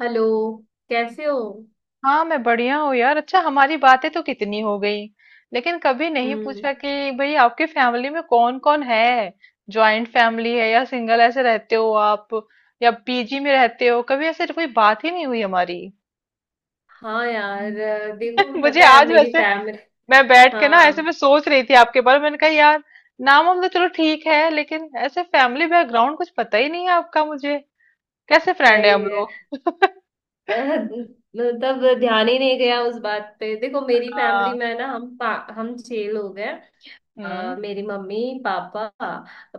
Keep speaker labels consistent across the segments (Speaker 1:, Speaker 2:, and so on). Speaker 1: Hello. कैसे हो।
Speaker 2: हाँ मैं बढ़िया हूँ यार। अच्छा, हमारी बातें तो कितनी हो गई, लेकिन कभी नहीं
Speaker 1: हम्म।
Speaker 2: पूछा कि भाई आपकी फैमिली में कौन कौन है। जॉइंट फैमिली है या सिंगल ऐसे रहते हो आप, या पीजी में रहते हो? कभी ऐसे कोई बात ही नहीं हुई हमारी।
Speaker 1: हाँ यार देखो
Speaker 2: मुझे
Speaker 1: पता है
Speaker 2: आज
Speaker 1: मेरी
Speaker 2: वैसे,
Speaker 1: फैमिली।
Speaker 2: मैं बैठ के ना ऐसे मैं
Speaker 1: हाँ।
Speaker 2: सोच रही थी आपके बारे में, मैंने कहा यार नाम हम तो चलो ठीक है, लेकिन ऐसे फैमिली बैकग्राउंड कुछ पता ही नहीं है आपका मुझे। कैसे फ्रेंड है
Speaker 1: सही
Speaker 2: हम
Speaker 1: है।
Speaker 2: लोग।
Speaker 1: अ, तब ध्यान ही नहीं गया उस बात पे। देखो मेरी फैमिली
Speaker 2: हाँ।
Speaker 1: में ना हम 6 लोग हैं।
Speaker 2: हम्म।
Speaker 1: मेरी मम्मी, पापा,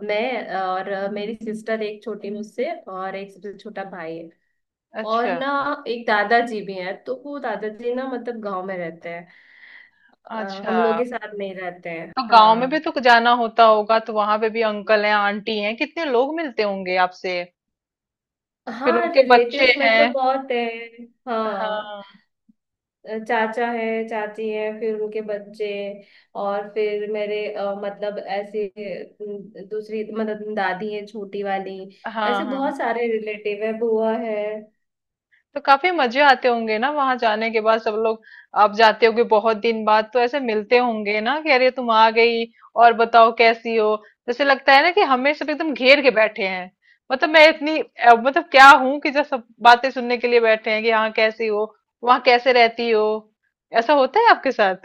Speaker 1: मैं और मेरी सिस्टर एक छोटी मुझसे और एक सबसे छोटा भाई है। और
Speaker 2: अच्छा।
Speaker 1: ना एक दादाजी भी हैं, तो वो दादाजी ना मतलब गांव में रहते हैं।
Speaker 2: अच्छा,
Speaker 1: हम लोग के साथ नहीं रहते हैं।
Speaker 2: तो गांव में भी
Speaker 1: हाँ।
Speaker 2: तो जाना होता होगा, तो वहां पे भी अंकल हैं, आंटी हैं, कितने लोग मिलते होंगे आपसे। फिर
Speaker 1: हाँ
Speaker 2: उनके बच्चे
Speaker 1: रिलेटिव्स में तो
Speaker 2: हैं।
Speaker 1: बहुत है। हाँ
Speaker 2: हाँ।
Speaker 1: चाचा है, चाची है, फिर उनके बच्चे। और फिर मेरे मतलब ऐसे दूसरी मतलब दादी है छोटी वाली।
Speaker 2: हाँ।
Speaker 1: ऐसे
Speaker 2: हाँ,
Speaker 1: बहुत सारे रिलेटिव है, बुआ है।
Speaker 2: तो काफी मजे आते होंगे ना वहां जाने के बाद सब लोग। आप जाते होगे बहुत दिन बाद, तो ऐसे मिलते होंगे ना कि अरे तुम आ गई, और बताओ कैसी हो। जैसे लगता है ना कि हमें सब एकदम घेर के बैठे हैं। मतलब मैं इतनी मतलब क्या हूं कि जब सब बातें सुनने के लिए बैठे हैं कि हाँ कैसी हो, वहां कैसे रहती हो। ऐसा होता है आपके साथ?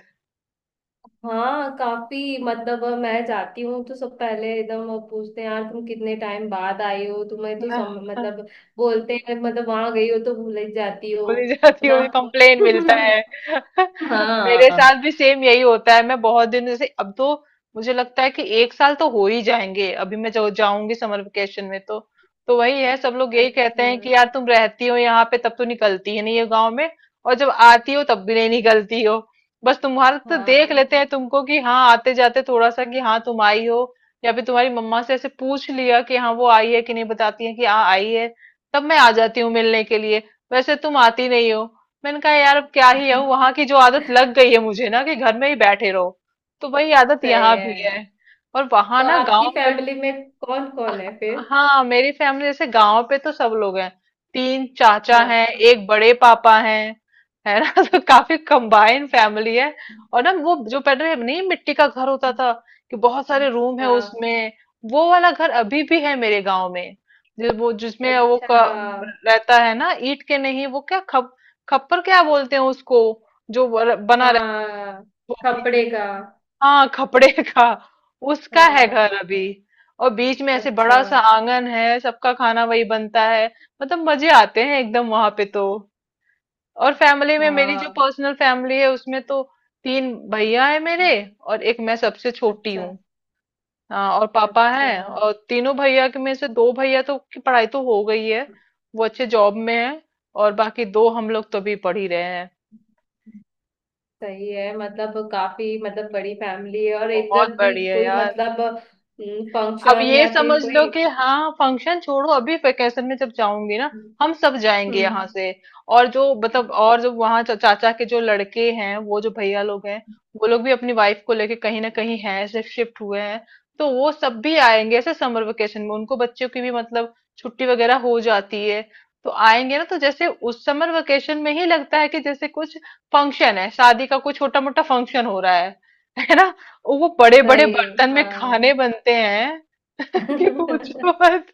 Speaker 1: हाँ काफी मतलब मैं जाती हूँ तो सब पहले एकदम वो पूछते हैं यार तुम कितने टाइम बाद आई हो। तुम्हें तो मतलब बोलते हैं मतलब वहां गई हो तो भूल ही जाती हो।
Speaker 2: बोली जाती है,
Speaker 1: ना।
Speaker 2: मुझे कंप्लेन मिलता है। मेरे
Speaker 1: हाँ।
Speaker 2: साथ भी सेम यही होता है। मैं बहुत दिन से अब तो, मुझे लगता है कि एक साल तो हो ही जाएंगे अभी। मैं जो जाऊंगी समर वेकेशन में, तो वही है, सब लोग यही कहते
Speaker 1: अच्छा।
Speaker 2: हैं कि यार तुम रहती हो यहाँ पे तब तो निकलती ही नहीं हो गाँव में, और जब आती हो तब भी नहीं निकलती हो। बस तुम्हारा तो देख
Speaker 1: हाँ।
Speaker 2: लेते हैं तुमको कि हाँ आते जाते थोड़ा सा कि हाँ तुम आई हो, या फिर तुम्हारी मम्मा से ऐसे पूछ लिया कि हाँ वो आई है कि नहीं, बताती है कि हाँ आई है, तब मैं आ जाती हूँ मिलने के लिए, वैसे तुम आती नहीं हो। मैंने कहा यार अब क्या ही है, वहां की जो आदत लग गई है मुझे ना कि घर में ही बैठे रहो, तो वही आदत
Speaker 1: सही
Speaker 2: यहाँ भी है।
Speaker 1: है।
Speaker 2: और वहां
Speaker 1: तो
Speaker 2: ना
Speaker 1: आपकी
Speaker 2: गांव में,
Speaker 1: फैमिली में कौन कौन है फिर।
Speaker 2: हाँ मेरी फैमिली जैसे गांव पे तो सब लोग हैं। तीन चाचा हैं,
Speaker 1: हाँ।
Speaker 2: एक बड़े पापा हैं, है ना। तो काफी कंबाइन फैमिली है। और ना वो जो पहले नहीं मिट्टी का घर होता था कि बहुत सारे रूम है
Speaker 1: हाँ।
Speaker 2: उसमें, वो वाला घर अभी भी है मेरे गांव में। जो वो जिसमें वो
Speaker 1: अच्छा।
Speaker 2: रहता है ना, ईंट के नहीं, वो क्या खप खप्पर क्या बोलते हैं उसको, जो वो बना
Speaker 1: हाँ
Speaker 2: रहता है।
Speaker 1: कपड़े का।
Speaker 2: हाँ, खपड़े का। उसका है
Speaker 1: हाँ।
Speaker 2: घर अभी, और बीच में ऐसे
Speaker 1: अच्छा।
Speaker 2: बड़ा सा आंगन है, सबका खाना वही बनता है। मतलब मजे आते हैं एकदम वहां पे तो। और फैमिली में मेरी जो
Speaker 1: हाँ।
Speaker 2: पर्सनल फैमिली है उसमें तो, तीन भैया है मेरे, और एक मैं सबसे छोटी
Speaker 1: अच्छा।
Speaker 2: हूँ। हाँ, और पापा
Speaker 1: अच्छा।
Speaker 2: हैं, और तीनों भैया के में से दो भैया तो की पढ़ाई तो हो गई है, वो अच्छे जॉब में है, और बाकी दो हम लोग तो अभी पढ़ ही रहे हैं।
Speaker 1: सही है, मतलब काफी मतलब बड़ी फैमिली है। और एक
Speaker 2: बहुत
Speaker 1: जब भी
Speaker 2: बढ़िया
Speaker 1: कोई
Speaker 2: यार।
Speaker 1: मतलब
Speaker 2: अब
Speaker 1: फंक्शन
Speaker 2: ये
Speaker 1: या फिर
Speaker 2: समझ लो
Speaker 1: कोई।
Speaker 2: कि हाँ फंक्शन छोड़ो, अभी वेकेशन में जब जाऊंगी ना, हम सब जाएंगे यहाँ
Speaker 1: हम्म।
Speaker 2: से, और जो मतलब और जो चाचा के जो लड़के हैं, वो जो भैया लोग हैं, वो लोग भी अपनी वाइफ को लेके कहीं ना कहीं हैं ऐसे, शिफ्ट हुए हैं। तो वो सब भी आएंगे ऐसे समर वेकेशन में, उनको बच्चों की भी मतलब छुट्टी वगैरह हो जाती है, तो आएंगे ना। तो जैसे उस समर वेकेशन में ही लगता है कि जैसे कुछ फंक्शन है, शादी का कोई छोटा मोटा फंक्शन हो रहा है ना। वो बड़े बड़े
Speaker 1: सही है,
Speaker 2: बर्तन में खाने
Speaker 1: हाँ।
Speaker 2: बनते हैं। कि पूछो मत।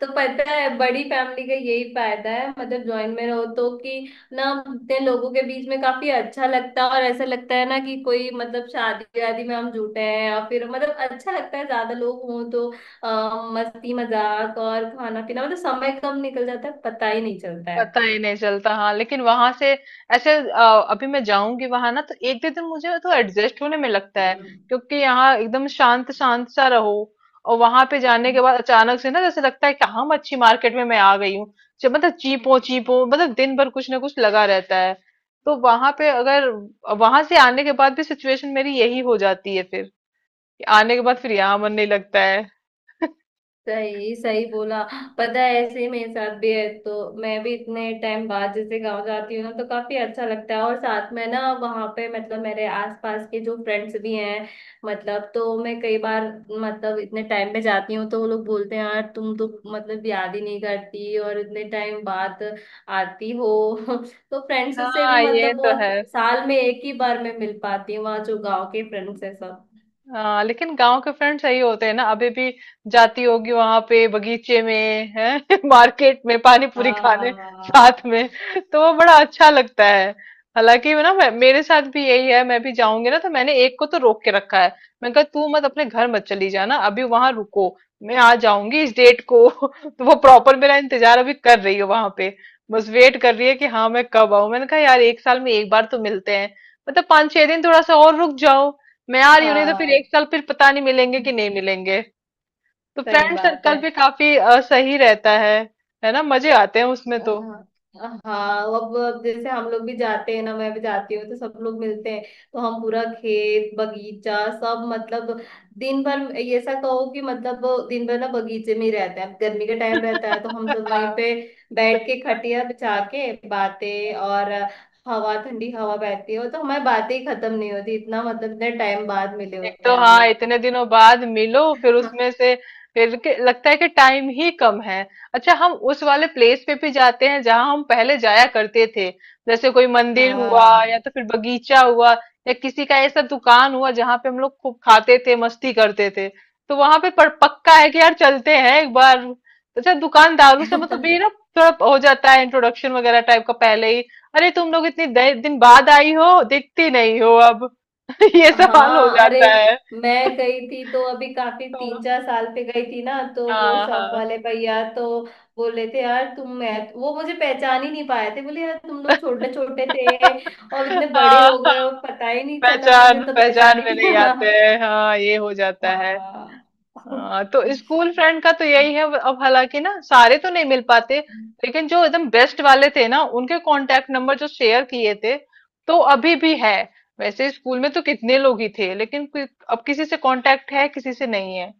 Speaker 1: तो पता है बड़ी फैमिली का यही फायदा है, मतलब ज्वाइंट में रहो तो कि। ना। इतने लोगों के बीच में काफी अच्छा लगता है। और ऐसा लगता है ना कि कोई मतलब शादी वादी में हम जुटे हैं और फिर मतलब अच्छा लगता है ज्यादा लोग हों तो। मस्ती मजाक और खाना पीना मतलब समय कम निकल जाता है, पता ही नहीं चलता।
Speaker 2: पता ही नहीं चलता, हाँ। लेकिन वहां से ऐसे अभी मैं जाऊंगी वहां ना, तो एक दो दिन मुझे तो एडजस्ट होने में लगता है, क्योंकि यहाँ एकदम शांत शांत सा रहो, और वहां पे जाने के बाद अचानक से ना जैसे लगता है कि हाँ मच्छी मार्केट में मैं आ गई हूँ। जब मतलब चीपो चीपो मतलब दिन भर कुछ ना कुछ लगा रहता है। तो वहां पे अगर, वहां से आने के बाद भी सिचुएशन मेरी यही हो जाती है फिर, कि आने के बाद फिर यहाँ मन नहीं लगता है।
Speaker 1: सही सही बोला। पता है ऐसे ही मेरे साथ भी है तो। मैं भी इतने टाइम बाद जैसे गांव जाती हूँ ना तो काफी अच्छा लगता है। और साथ में ना वहां पे मतलब मेरे आसपास के जो फ्रेंड्स भी हैं। मतलब तो मैं कई बार मतलब इतने टाइम पे जाती हूँ तो वो लोग बोलते हैं यार तुम तो मतलब याद ही नहीं करती और इतने टाइम बाद आती हो। तो फ्रेंड्स से भी
Speaker 2: हाँ ये
Speaker 1: मतलब
Speaker 2: तो
Speaker 1: बहुत।
Speaker 2: है।
Speaker 1: साल में एक ही बार मैं मिल पाती हूँ वहाँ जो गाँव के फ्रेंड्स है सब।
Speaker 2: हाँ लेकिन गांव के फ्रेंड्स यही होते हैं ना अभी भी, जाती होगी वहां पे बगीचे में है, मार्केट में पानी पूरी खाने
Speaker 1: हाँ।
Speaker 2: साथ में, तो वो बड़ा अच्छा लगता है। हालांकि वो ना, मेरे साथ भी यही है। मैं भी जाऊंगी ना, तो मैंने एक को तो रोक के रखा है। मैं कहा तू मत अपने घर मत चली जाना, अभी वहां रुको, मैं आ जाऊंगी इस डेट को। तो वो प्रॉपर मेरा इंतजार अभी कर रही है वहां पे, बस वेट कर रही है कि हाँ मैं कब आऊं। मैंने कहा यार एक साल में एक बार तो मिलते हैं, मतलब पाँच छह दिन थोड़ा सा और रुक जाओ, मैं यार रही हूँ, नहीं तो फिर एक
Speaker 1: हाँ
Speaker 2: साल फिर पता नहीं मिलेंगे कि नहीं मिलेंगे। तो
Speaker 1: सही
Speaker 2: फ्रेंड
Speaker 1: बात है।
Speaker 2: सर्कल भी काफी सही रहता है। है ना, मजे आते हैं उसमें
Speaker 1: हाँ।
Speaker 2: तो।
Speaker 1: हाँ अब जैसे हम लोग भी जाते हैं ना, मैं भी जाती हूँ तो सब लोग मिलते हैं। तो हम पूरा खेत बगीचा सब मतलब दिन भर। ये ऐसा कहो कि मतलब दिन भर ना बगीचे में ही रहते हैं। अब गर्मी का टाइम रहता है तो हम
Speaker 2: हाँ,
Speaker 1: सब वहीं पे बैठ के खटिया बिछा के बातें। और हवा, ठंडी हवा बहती है तो हमारी बातें ही खत्म नहीं होती। इतना मतलब इतना टाइम बाद मिले
Speaker 2: एक
Speaker 1: होते
Speaker 2: तो
Speaker 1: हैं हम
Speaker 2: हाँ
Speaker 1: लोग तो।
Speaker 2: इतने दिनों बाद मिलो, फिर उसमें से लगता है कि टाइम ही कम है। अच्छा हम उस वाले प्लेस पे भी जाते हैं जहाँ हम पहले जाया करते थे, जैसे कोई मंदिर हुआ या
Speaker 1: हाँ।
Speaker 2: तो फिर बगीचा हुआ, या किसी का ऐसा दुकान हुआ जहाँ पे हम लोग खूब खाते थे, मस्ती करते थे। तो वहां पे पर पक्का है कि यार चलते हैं एक बार। अच्छा दुकानदारों से मतलब भी ना, थोड़ा हो जाता है इंट्रोडक्शन वगैरह टाइप का पहले ही, अरे तुम लोग इतनी दिन बाद आई हो, दिखती नहीं हो अब। ये सवाल हो
Speaker 1: हाँ अरे।
Speaker 2: जाता है।
Speaker 1: मैं गई थी तो अभी काफी
Speaker 2: तो
Speaker 1: 3 4 साल पे गई थी ना, तो वो
Speaker 2: हाँ
Speaker 1: शॉप
Speaker 2: हाँ।
Speaker 1: वाले भैया तो बोले थे यार तुम। मैं वो मुझे पहचान ही नहीं पाए थे। बोले यार तुम लोग छोटे छोटे थे और इतने बड़े
Speaker 2: हाँ
Speaker 1: हो
Speaker 2: हाँ,
Speaker 1: गए हो, पता ही नहीं चला। मुझे
Speaker 2: पहचान
Speaker 1: तो
Speaker 2: पहचान
Speaker 1: पहचान
Speaker 2: में
Speaker 1: ही
Speaker 2: नहीं आते
Speaker 1: नहीं।
Speaker 2: हैं, हाँ ये हो जाता है।
Speaker 1: हाँ। हाँ।
Speaker 2: हाँ तो स्कूल फ्रेंड का तो यही है अब, हालांकि ना सारे तो नहीं मिल पाते, लेकिन जो एकदम बेस्ट वाले थे ना, उनके कांटेक्ट नंबर जो शेयर किए थे, तो अभी भी है। वैसे स्कूल में तो कितने लोग ही थे लेकिन कोई, अब किसी से कांटेक्ट है किसी से नहीं है।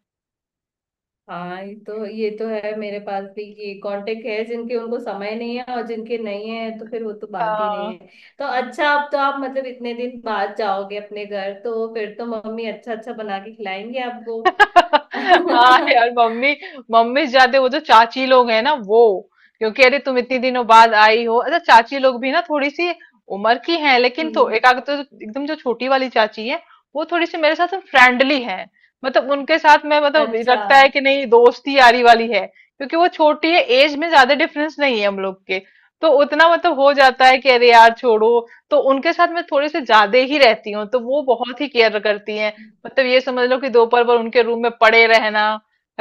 Speaker 1: हाँ ये तो, ये तो है। मेरे पास भी ये कांटेक्ट है जिनके उनको समय नहीं है, और जिनके नहीं है तो फिर वो तो बात ही नहीं
Speaker 2: हाँ
Speaker 1: है। तो अच्छा, अब तो आप मतलब इतने दिन बाद जाओगे अपने घर तो फिर तो मम्मी अच्छा अच्छा बना के खिलाएंगे आपको।
Speaker 2: हाँ
Speaker 1: हम्म।
Speaker 2: यार मम्मी। मम्मी से ज्यादा वो जो चाची लोग हैं ना वो, क्योंकि अरे तुम इतनी दिनों बाद आई हो। अच्छा चाची लोग भी ना थोड़ी सी उम्र की हैं, लेकिन तो एक आग, तो एकदम जो छोटी वाली चाची है, वो थोड़ी सी मेरे साथ फ्रेंडली है। मतलब उनके साथ मैं मतलब
Speaker 1: अच्छा।
Speaker 2: लगता है कि नहीं दोस्ती यारी वाली है, क्योंकि वो छोटी है, एज में ज्यादा डिफरेंस नहीं है हम लोग के। तो उतना मतलब हो जाता है कि अरे यार छोड़ो। तो उनके साथ मैं थोड़े से ज्यादा ही रहती हूँ, तो वो बहुत ही केयर करती हैं। मतलब ये समझ लो कि दोपहर भर उनके रूम में पड़े रहना।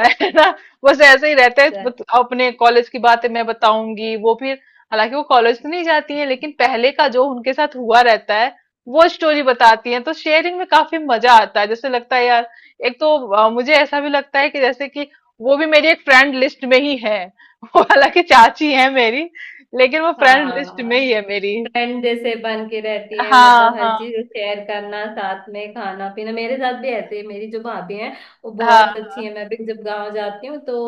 Speaker 2: है ना। बस ऐसे ही रहते हैं, अपने कॉलेज की बातें मैं बताऊंगी, वो फिर, हालांकि वो कॉलेज तो नहीं जाती है, लेकिन पहले का जो उनके साथ हुआ रहता है, वो स्टोरी बताती हैं। तो शेयरिंग में काफी मजा आता है, जैसे लगता है यार, एक तो मुझे ऐसा भी लगता है कि जैसे कि, वो भी मेरी एक फ्रेंड लिस्ट में ही है। वो हालांकि चाची है मेरी, लेकिन वो फ्रेंड लिस्ट
Speaker 1: हाँ
Speaker 2: में ही है मेरी।
Speaker 1: फ्रेंड जैसे बन के रहती है,
Speaker 2: हाँ
Speaker 1: मतलब हर
Speaker 2: हाँ।
Speaker 1: चीज शेयर करना, साथ में खाना पीना। मेरे साथ भी ऐसे ही मेरी जो भाभी हैं वो
Speaker 2: हाँ
Speaker 1: बहुत अच्छी है। मैं भी जब गांव जाती हूँ तो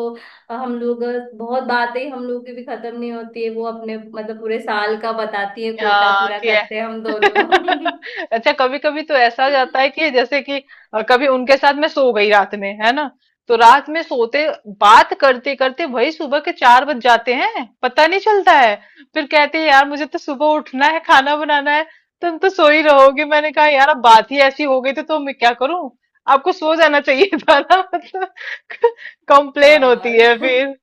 Speaker 1: हम लोग बहुत बातें, हम लोग की भी खत्म नहीं होती है। वो अपने मतलब पूरे साल का बताती है, कोटा
Speaker 2: हाँ
Speaker 1: पूरा
Speaker 2: कि।
Speaker 1: करते हैं हम दोनों।
Speaker 2: अच्छा कभी कभी तो ऐसा हो जाता है कि जैसे कि कभी उनके साथ मैं सो गई रात में, है ना, तो रात में सोते बात करते करते वही सुबह के चार बज जाते हैं, पता नहीं चलता है। फिर कहते हैं यार मुझे तो सुबह उठना है खाना बनाना है, तुम तो सो ही रहोगे। मैंने कहा यार अब बात ही ऐसी हो गई तो मैं क्या करूं, आपको सो जाना चाहिए था ना। मतलब कंप्लेन होती है
Speaker 1: हाँ।
Speaker 2: फिर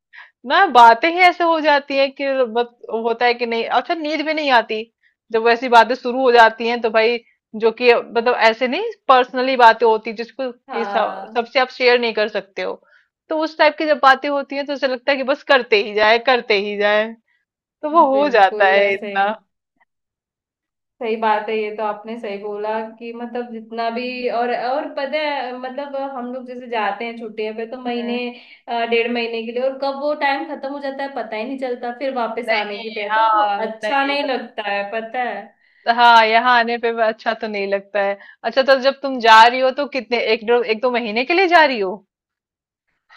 Speaker 2: ना, बातें ही ऐसे हो जाती है कि बस। होता है कि नहीं, अच्छा नींद भी नहीं आती जब वैसी बातें शुरू हो जाती हैं, तो भाई जो कि मतलब ऐसे नहीं, पर्सनली बातें होती जिसको कि
Speaker 1: हाँ
Speaker 2: सबसे आप शेयर नहीं कर सकते हो। तो उस टाइप की जब बातें होती हैं तो ऐसा लगता है कि बस करते ही जाए करते ही जाए। तो वो हो जाता
Speaker 1: बिल्कुल
Speaker 2: है
Speaker 1: ऐसे।
Speaker 2: इतना।
Speaker 1: सही बात है, ये तो आपने सही बोला कि मतलब जितना भी। और पता है मतलब हम लोग जैसे जाते हैं छुट्टियों पे तो महीने,
Speaker 2: हम्म।
Speaker 1: 1.5 महीने के लिए। और कब वो टाइम खत्म हो जाता है पता ही नहीं चलता। फिर वापस आने
Speaker 2: नहीं।
Speaker 1: की तय तो वो
Speaker 2: हाँ
Speaker 1: अच्छा
Speaker 2: नहीं
Speaker 1: नहीं
Speaker 2: बत-
Speaker 1: लगता है पता है।
Speaker 2: हाँ यहाँ आने पे भी अच्छा तो नहीं लगता है। अच्छा तो जब तुम जा रही हो तो कितने एक दो महीने के लिए जा रही हो?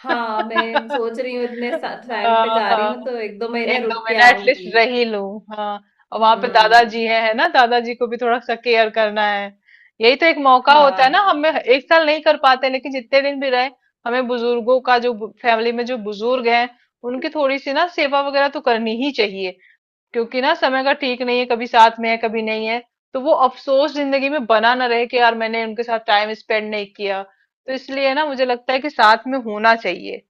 Speaker 1: हाँ मैं सोच रही हूँ इतने टाइम पे जा रही
Speaker 2: हाँ,
Speaker 1: हूँ तो 1 2 महीने
Speaker 2: एक दो
Speaker 1: रुक के
Speaker 2: महीना एटलीस्ट
Speaker 1: आऊंगी।
Speaker 2: रह ही लूं, हाँ। और वहां पे
Speaker 1: हम्म।
Speaker 2: दादाजी है ना, दादाजी को भी थोड़ा सा केयर करना है। यही तो एक मौका होता है ना, हमें
Speaker 1: हाँ।
Speaker 2: एक साल नहीं कर पाते लेकिन जितने दिन भी रहे, हमें बुजुर्गों का जो, फैमिली में जो बुजुर्ग हैं उनकी थोड़ी सी ना सेवा वगैरह तो करनी ही चाहिए। क्योंकि ना समय का ठीक नहीं है, कभी साथ में है कभी नहीं है। तो वो अफसोस जिंदगी में बना ना रहे कि यार मैंने उनके साथ टाइम स्पेंड नहीं किया, तो इसलिए ना मुझे लगता है कि साथ में होना चाहिए।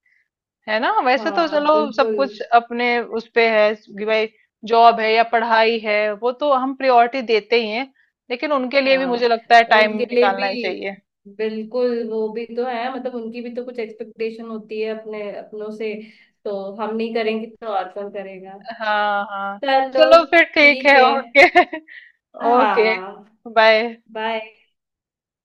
Speaker 2: है ना, वैसे तो
Speaker 1: हाँ
Speaker 2: चलो सब
Speaker 1: बिल्कुल।
Speaker 2: कुछ अपने उस पे है कि भाई जॉब है या पढ़ाई है, वो तो हम प्रायोरिटी देते ही हैं, लेकिन उनके लिए भी मुझे
Speaker 1: हाँ
Speaker 2: लगता है टाइम
Speaker 1: उनके लिए
Speaker 2: निकालना ही चाहिए।
Speaker 1: भी। बिल्कुल वो भी तो है, मतलब उनकी भी तो कुछ एक्सपेक्टेशन होती है अपने अपनों से। तो हम नहीं करेंगे तो और कौन करेगा।
Speaker 2: हाँ हाँ।
Speaker 1: चलो।
Speaker 2: चलो फिर ठीक
Speaker 1: ठीक
Speaker 2: है,
Speaker 1: है।
Speaker 2: ओके। ओके,
Speaker 1: हाँ।
Speaker 2: बाय।
Speaker 1: बाय।